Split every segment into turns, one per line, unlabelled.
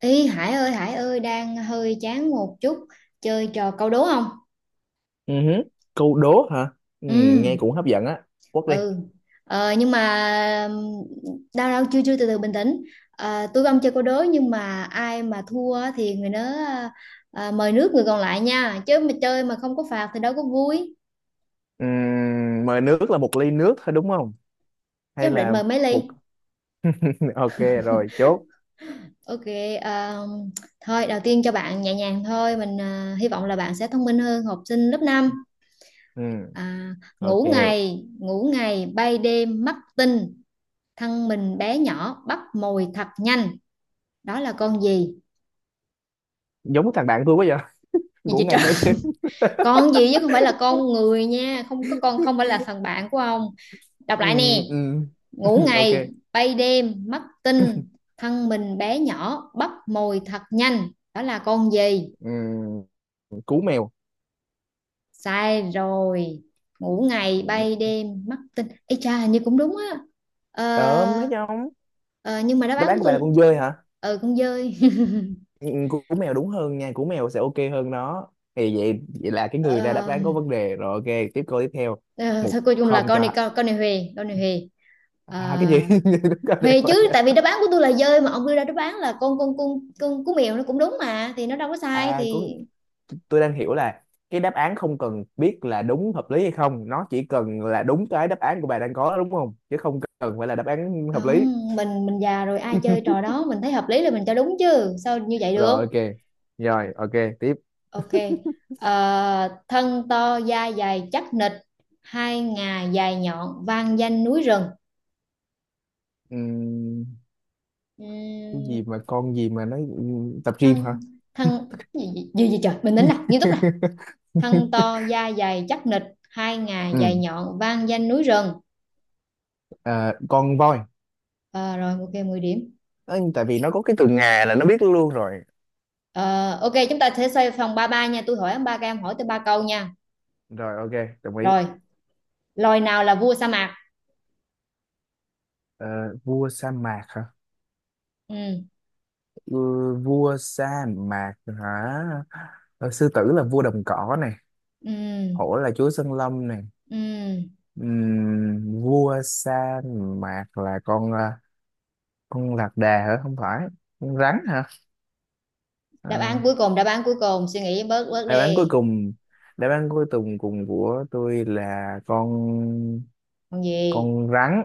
Ý Hải ơi đang hơi chán một chút, chơi trò câu đố không?
Ừ hứ. Câu đố hả? Ừ,
Ừ
nghe cũng hấp dẫn á. Quất đi.
ừ nhưng mà đau đau chưa chưa từ từ bình tĩnh. Tôi không chơi câu đố nhưng mà ai mà thua á thì người đó mời nước người còn lại nha, chứ mà chơi mà không có phạt thì đâu có vui,
Mời nước là một ly nước thôi đúng không?
chứ
Hay
không định
là
mời mấy
một...
ly.
ok rồi, chốt.
Ok. ờ, Thôi đầu tiên cho bạn nhẹ nhàng thôi, mình hy vọng là bạn sẽ thông minh hơn học sinh lớp 5.
Ừ, ok.
Ngủ ngày ngủ ngày bay đêm mắt tinh, thân mình bé nhỏ bắp mồi thập nhanh, đó là con gì?
Giống thằng bạn tôi quá vậy.
Gì
Ngủ
vậy
ngày
trời
bay đêm.
con gì chứ không phải là con người nha, không có con, không phải là thằng bạn của ông. Đọc
Ừ,
lại nè:
ừ,
ngủ
ok.
ngày bay đêm mất tinh, thân mình bé nhỏ bắp mồi thật nhanh, đó là con gì?
Ừ, cú mèo.
Sai rồi. Ngủ ngày
Ừ.
bay đêm mất tinh. Ê cha hình như cũng đúng á.
Ờ, Thấy
Ờ,
không?
ờ, nhưng mà đáp
Đáp
án
án
của
của bạn là
tôi
con dơi hả?
ừ con dơi
Ừ, cú cú mèo đúng hơn nha. Cú mèo sẽ ok hơn nó. Thì vậy, vậy là cái người ra đáp
Ờ,
án có vấn đề. Rồi, ok, tiếp câu tiếp theo.
ờ,
Một,
thôi cuối cùng là
không
con này
cho.
con này Huề con này Huề. Ờ,
Cái gì? Đúng rồi, đẹp
Huề
rồi.
chứ tại vì đáp án của tôi là dơi mà ông đưa ra đáp án là con cú mèo nó cũng đúng mà, thì nó đâu có sai
À cũng
thì
Tôi đang hiểu là cái đáp án không cần biết là đúng hợp lý hay không, nó chỉ cần là đúng. Cái đáp án của bà đang có đúng không, chứ không cần phải là đáp án hợp lý.
không, mình mình già rồi ai chơi trò đó, mình thấy hợp lý là mình cho đúng chứ sao như vậy
Rồi,
được.
ok. Rồi, ok, tiếp.
Ok. Ờ, thân to da dày chắc nịch, hai ngà dài nhọn vang danh núi rừng.
Ừm, cái
Ừm,
gì mà con gì mà nó tập gym hả?
thân thân gì, gì, gì, gì trời, mình tính nè nghiêm túc nè. Thân to da dày chắc nịch, hai ngà dài
ừ
nhọn vang danh núi rừng.
con voi.
Ờ, rồi ok 10 điểm.
Ờ, Tại vì nó có cái từ ngà là nó biết luôn rồi.
Ờ, ok chúng ta sẽ xoay phòng vòng ba nha, tôi hỏi ba cái em hỏi tới ba câu nha.
Rồi, ok, đồng ý.
Rồi, loài nào là vua sa mạc?
Ờ, Vua sa mạc hả?
Ừ,
Ừ, vua sa mạc hả? Sư tử là vua đồng cỏ này,
ừ,
hổ là chúa sân lâm này.
ừ.
Vua sa mạc là con lạc đà hả? Không phải. Con rắn hả?
Đáp
à,
án cuối cùng, đáp án cuối cùng, suy nghĩ bớt bớt
đáp án cuối
đi.
cùng, đáp án cuối cùng cùng của tôi là con
Còn gì?
con rắn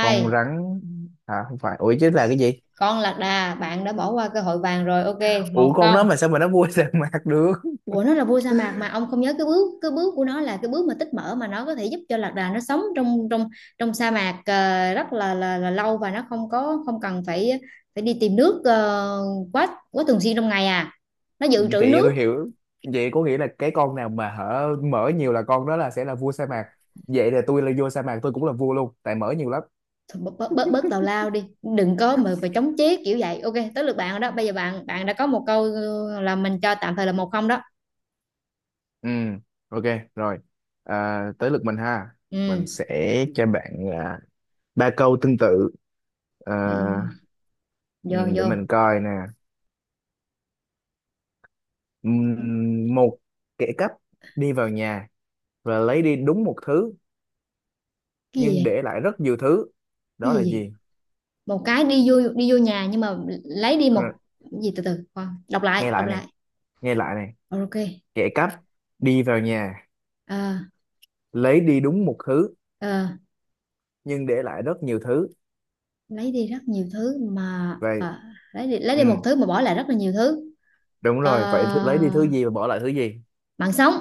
Con rắn. Không phải, ủa chứ là cái gì?
Con lạc đà, bạn đã bỏ qua cơ hội vàng rồi. Ok,
Ủa
một
con đó
không.
mà sao mà nó vua sa mạc được?
Ủa nó là vua sa mạc mà ông không nhớ, cái bước của nó là cái bước mà tích mỡ, mà nó có thể giúp cho lạc đà nó sống trong trong trong sa mạc ờ, rất là lâu, và nó không có không cần phải phải đi tìm nước ờ, quá quá thường xuyên trong ngày à, nó dự trữ
Thì
nước.
tôi hiểu, vậy có nghĩa là cái con nào mà hở mở nhiều là con đó là sẽ là vua sa mạc. Vậy là tôi là vua sa mạc, tôi cũng là vua luôn tại mở nhiều lắm.
Thôi bớt bớt bớt, bớt tào lao đi, đừng có mà chống chế kiểu vậy. Ok tới lượt bạn rồi đó, bây giờ bạn bạn đã có một câu ờ, là mình cho tạm thời là một không đó.
Ừ, ok, rồi. À, tới lượt mình ha. Mình
Ừ,
sẽ cho bạn ba câu tương tự. À,
ừ. Ừ. Vô
ừ, để
vô.
mình coi nè. Một kẻ cắp đi vào nhà và lấy đi đúng một thứ
Cái gì
nhưng
vậy?
để lại rất nhiều thứ.
Cái
Đó là
gì vậy?
gì?
Một cái đi vô nhà nhưng mà lấy đi
Thôi.
một cái gì? Từ từ khoan, đọc lại
Nghe
đọc
lại này,
lại.
nghe lại này.
Rồi, ok.
Kẻ cắp đi vào nhà,
Ờ,
lấy đi đúng một thứ
ờ,
nhưng để lại rất nhiều thứ.
lấy đi rất nhiều thứ mà
Vậy.
ờ, lấy đi
Ừ,
một thứ mà bỏ lại rất là nhiều thứ.
đúng
Ờ,
rồi, vậy lấy đi thứ gì và bỏ lại thứ gì?
mạng sống.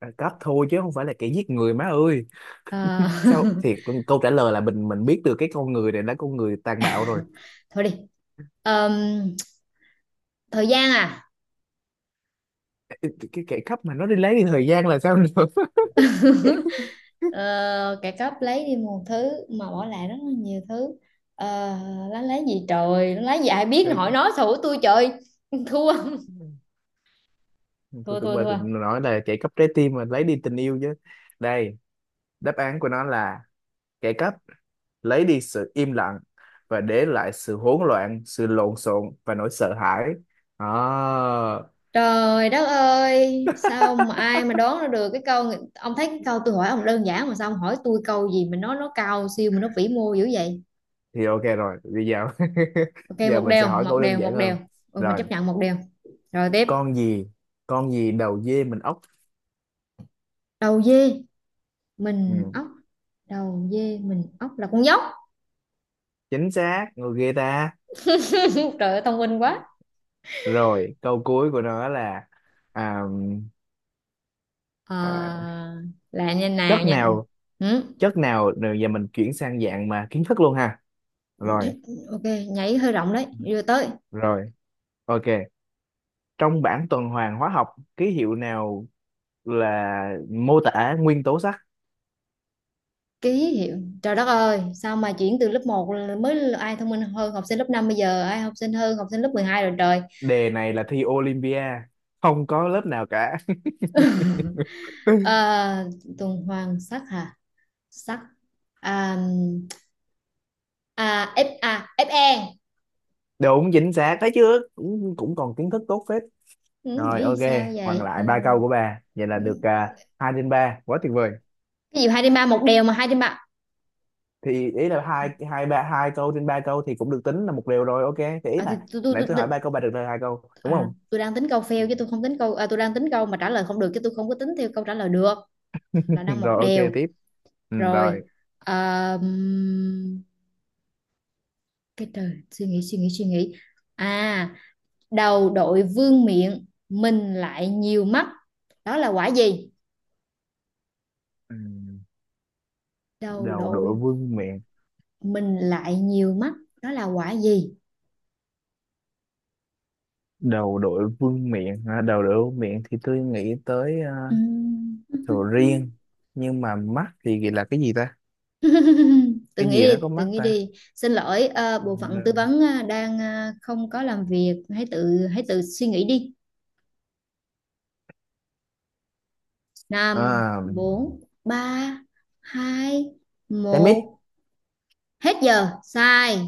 À, cắp thôi chứ không phải là kẻ giết người má ơi.
Ờ,
Sao thiệt, câu trả lời là mình biết được cái con người này là con người tàn bạo rồi.
thôi đi. Ờm, thời gian à.
Cái kẻ cắp mà nó đi lấy đi thời gian là sao nữa?
Ờ, kẻ cắp lấy đi một thứ mà bỏ lại rất là nhiều thứ. Ờ, nó lấy gì trời, nó lấy gì, ai biết, nó
Đây,
hỏi nó xù tôi trời thua
tôi
thua
tưởng
thua
bà định
thua.
nói là kẻ cắp trái tim mà lấy đi tình yêu chứ. Đây, đáp án của nó là kẻ cắp lấy đi sự im lặng và để lại sự hỗn loạn, sự lộn xộn và nỗi sợ hãi. Đó.
Trời đất ơi, sao mà ai mà đoán ra được cái câu? Ông thấy cái câu tôi hỏi ông đơn giản mà sao ông hỏi tôi câu gì mà nó cao siêu mà nó vĩ mô dữ vậy.
Thì ok rồi, bây giờ
Ok
giờ
một
mình sẽ
đều,
hỏi
một
câu đơn
đều,
giản
một đều.
hơn.
Ừ, mình chấp
Rồi,
nhận một đều. Rồi tiếp.
con gì? Con gì đầu dê mình ốc?
Đầu dê mình
Ừ,
ốc, đầu dê mình ốc là con dốc.
chính xác, người ghê ta.
Trời ơi thông minh quá.
Rồi, câu cuối của nó là à,
Ờ,
à,
là như nào
chất
nha.
nào,
Ừ.
chất nào. Rồi giờ mình chuyển sang dạng mà kiến thức luôn ha. Rồi,
Ok, nhảy hơi rộng đấy. Đưa tới.
rồi, ok. Trong bảng tuần hoàn hóa học, ký hiệu nào là mô tả nguyên tố sắt?
Ký hiệu, trời đất ơi sao mà chuyển từ lớp một là mới là ai thông minh hơn học sinh lớp 5 bây giờ ai học sinh hơn học sinh lớp 12 rồi trời.
Đề này là thi Olympia, không có lớp nào cả.
À, tuần hoàn sắc hả, sắc, à, à, F, à, Fe.
Đúng, chính xác, thấy chưa, cũng còn kiến thức tốt phết.
Ừ,
Rồi,
nghĩ
ok,
sao
còn
vậy? Ờ,
lại ba câu của bà vậy là được, hai trên ba quá tuyệt vời.
cái gì hai trên ba, một đều mà hai trên ba.
Thì ý là hai hai ba hai câu trên ba câu thì cũng được tính là một điều. Rồi, ok. Thì ý
À, thì
là
tôi tôi
nãy
tôi
tôi hỏi
tôi-
ba câu, bà được lời hai câu đúng
à,
không?
tôi đang tính câu fail chứ tôi không tính câu, à, tôi đang tính câu mà trả lời không được chứ tôi không có tính theo câu trả lời được, là đang một
Rồi, ok,
đều.
tiếp. Ừ,
Rồi.
rồi.
Ờ, cái trời suy nghĩ suy nghĩ suy nghĩ. À, đầu đội vương miện mình lại nhiều mắt, đó là quả gì?
ừ,
Đầu
Đầu đội
đội
vương miện.
mình lại nhiều mắt, đó là quả gì?
Đầu đội vương miện hả? Đầu đội vương miện thì tôi nghĩ tới
Ừm.
sầu riêng. Nhưng mà mắt thì là cái gì ta?
Tự
Cái
nghĩ
gì nó
đi
có
tự
mắt
nghĩ
ta?
đi, xin lỗi ờ, bộ phận tư vấn ờ, đang ờ, không có làm việc, hãy tự suy nghĩ đi. Năm,
à,
bốn, ba, hai,
cái mít.
một. Hết giờ sai.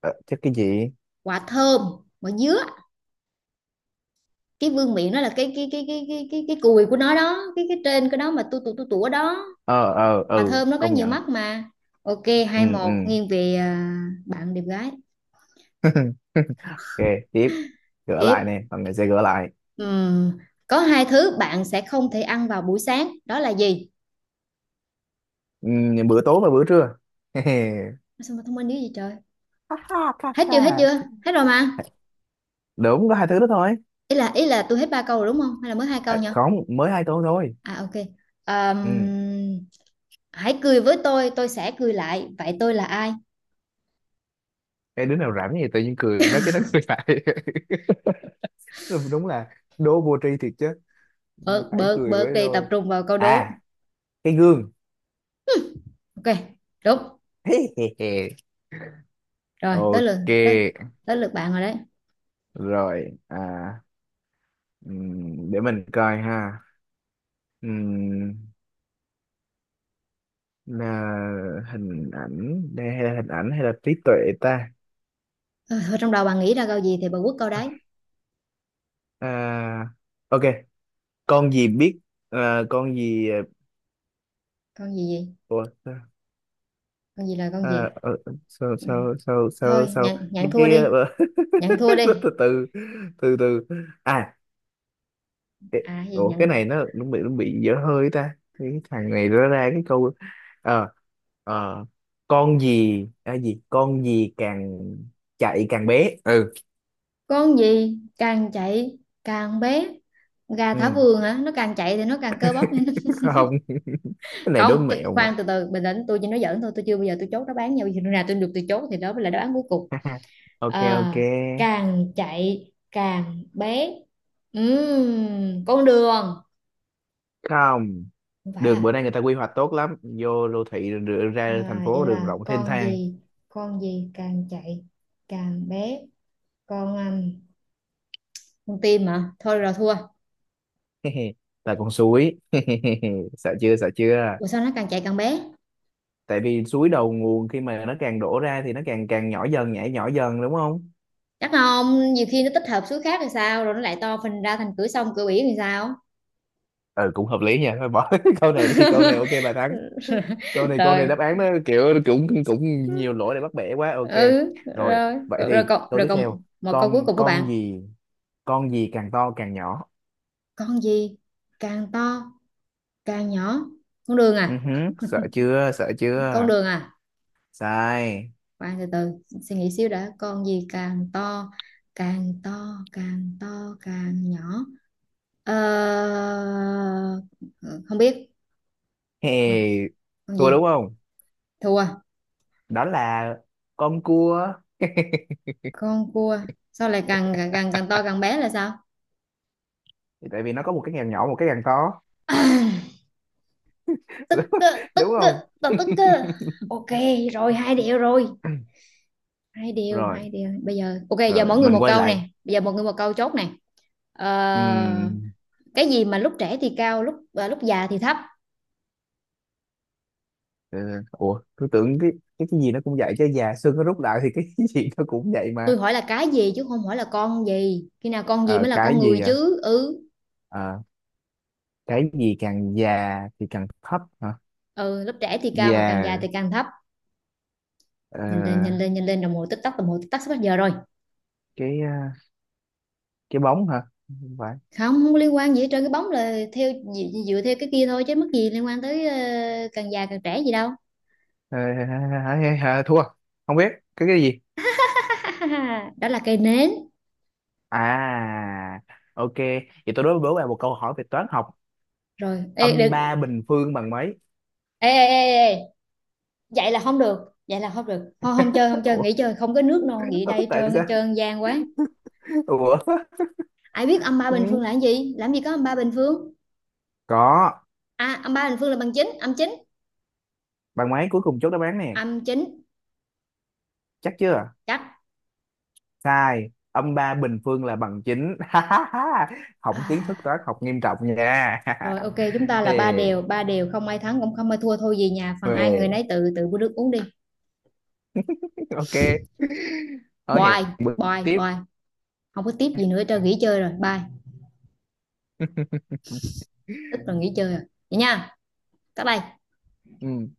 Ờ, chắc cái gì?
Quả thơm, quả dứa. Cái vương miện nó là cái cùi của nó đó, cái trên cái đó mà tu tu tu tủa đó.
Ờ
Mà
ừ,
thơm nó có
công
nhiều
nhận.
mắt mà. Ok,
Ừ,
hai
ừ.
một nghiêng về, à, bạn đẹp gái.
Ok, tiếp. Gỡ
Tiếp.
lại nè, phần này sẽ gỡ lại.
Ừm, có hai thứ bạn sẽ không thể ăn vào buổi sáng, đó là gì?
ừ, Bữa tối và bữa trưa.
Sao mà thông minh dữ gì trời.
Ha ha, ha,
Hết chưa hết chưa
ha.
hết rồi mà.
Đúng, có hai thứ đó thôi.
Ý là ý là tôi hết ba câu rồi đúng không, hay là mới hai câu nhỉ?
Không, mới hai tuần thôi.
À ok.
Ừ.
Ờm, hãy cười với tôi sẽ cười lại, vậy tôi là ai?
Cái đứa nào rảnh gì tự nhiên cười nó cái nó cười lại. Đúng là đố vô tri thiệt chứ. Ừ,
Bớt
hãy
bớt
cười
bớt
với
đi, tập
tôi.
trung vào câu đố.
à cái gương.
Ok, đúng rồi. Tới lượt
Ok,
tới, tới lượt bạn rồi đấy.
rồi. Để mình coi ha. Ừm, là hình ảnh hay là trí tuệ ta?
Ờ, thôi trong đầu bạn nghĩ ra câu gì thì bà quất câu đấy.
à ok, con gì biết? à, con gì à,
Con gì gì,
Ủa,
con gì là con
à,
gì.
ờ, sao
Ừ.
sao sao sao
Thôi
sao
nhận nhận thua
cái
đi, nhận thua đi.
từ từ. Từ từ. à
À gì
Ủa cái
nhận?
này nó bị dở hơi ta, cái thằng này nó ra cái câu. ờ ờ con gì càng chạy càng bé. Ừ,
Con gì càng chạy càng bé, gà thả
ừ.
vườn hả, nó càng chạy thì nó càng cơ bắp nên nó...
Không, cái này
Không
đố
tôi,
mẹo mà.
khoan từ từ bình tĩnh, tôi chỉ nói giỡn thôi, tôi chưa bao giờ tôi chốt đáp án nhau, khi nào tôi được tôi chốt thì đó mới là đáp án cuối cùng.
Ok,
À,
ok.
càng chạy càng bé. Con đường.
Không,
Không phải
đường bữa
à?
nay người ta quy hoạch tốt lắm, vô đô thị rồi đưa ra
À,
thành
vậy
phố, đường
là
rộng thênh
con
thang.
gì? Con gì càng chạy càng bé? Con con tim mà, thôi rồi thua.
Là con suối. Sợ chưa, sợ chưa.
Ủa sao nó càng chạy càng bé?
Tại vì suối đầu nguồn, khi mà nó càng đổ ra thì nó càng càng nhỏ dần, nhảy nhỏ dần đúng không?
Chắc không, nhiều khi nó tích hợp số khác thì sao, rồi nó lại to phình ra thành cửa sông cửa biển thì sao.
Ừ, cũng hợp lý nha, thôi bỏ cái câu này đi, câu này ok bà thắng. Câu này
Rồi.
đáp án nó kiểu cũng cũng nhiều lỗi để bắt bẻ quá, ok.
Ừ.
Rồi,
Rồi
vậy
rồi,
thì câu
rồi
tiếp
còn
theo.
một câu cuối
con
cùng của bạn.
con gì con gì càng to càng nhỏ?
Con gì càng to càng nhỏ? Con đường
Ừ
à?
hứ, sợ chưa, sợ
Con
chưa.
đường à?
Sai.
Khoan từ từ, suy nghĩ xíu đã. Con gì càng to, càng to càng nhỏ? Ờ... Ừ, không biết. con,
Hey,
con
thua đúng
gì?
không?
Thua.
Đó là con cua.
Con cua. Sao lại càng càng càng càng to càng bé là sao?
Tại vì nó có một cái càng nhỏ, một cái càng to.
Tức cơ, tức
Đúng không?
cơ, tao tức cơ. Ok, rồi hai điều rồi. Hai điều
Rồi,
hai điều bây giờ ok, giờ
rồi,
mỗi người
mình
một
quay
câu nè,
lại.
bây giờ mỗi người một câu chốt nè. Ờ...
Ừm,
Cái gì mà lúc trẻ thì cao, lúc à, lúc già thì thấp?
Ờ, ủa tôi tưởng cái gì nó cũng vậy, chứ già xương nó rút lại thì cái gì nó cũng vậy
Tôi
mà.
hỏi là cái gì chứ không hỏi là con gì, khi nào con gì
Ờ,
mới là con
cái
người
gì
chứ. Ừ.
Ờ, cái gì càng già thì càng thấp hả?
Ừ, lớp trẻ thì cao mà càng già
Già.
thì càng thấp.
ờ,
Nhìn lên nhìn lên nhìn lên, đồng hồ tích tắc, đồng hồ tích tắc sắp hết giờ rồi.
cái ờ, cái bóng hả? Không phải.
Không, không có liên quan gì hết trơn, cái bóng là theo dựa, dựa theo cái kia thôi chứ mất gì liên quan tới ờ, càng già càng trẻ gì đâu.
Ờ, Hả, hả, hả, thua, không biết cái gì.
Đó là cây nến.
à ok, vậy tôi đối với bạn một câu hỏi về toán học.
Rồi ê,
Âm
được.
ba bình phương bằng mấy?
Ê, ê, ê, ê. Vậy là không được, vậy là không được, không không chơi, không chơi
Ủa,
nghỉ chơi, không có nước non, nghỉ đây,
tại
hết
sao?
trơn gian quá.
Ủa.
Ai biết âm ba
Ừ,
bình phương là cái gì, làm gì có (-3)²?
có.
À (-3)² là bằng chín, âm chín,
Bằng mấy cuối cùng, chốt đáp án nè.
âm chính.
Chắc chưa?
Chắc.
Sai, âm ba bình phương là bằng chín. Hỏng kiến
À,
thức toán học nghiêm trọng nha.
rồi ok, chúng ta là ba
Ê,
đều ba đều, không ai thắng cũng không ai thua, thôi về nhà phần ai người
huề,
nấy tự tự của đức uống đi.
ok, nói hẹn
Bye
bữa
bye
tiếp.
bye. Không có tiếp gì nữa, cho nghỉ chơi rồi. Bye. Tức là nghỉ chơi rồi vậy nha, tắt đây.
Ừ.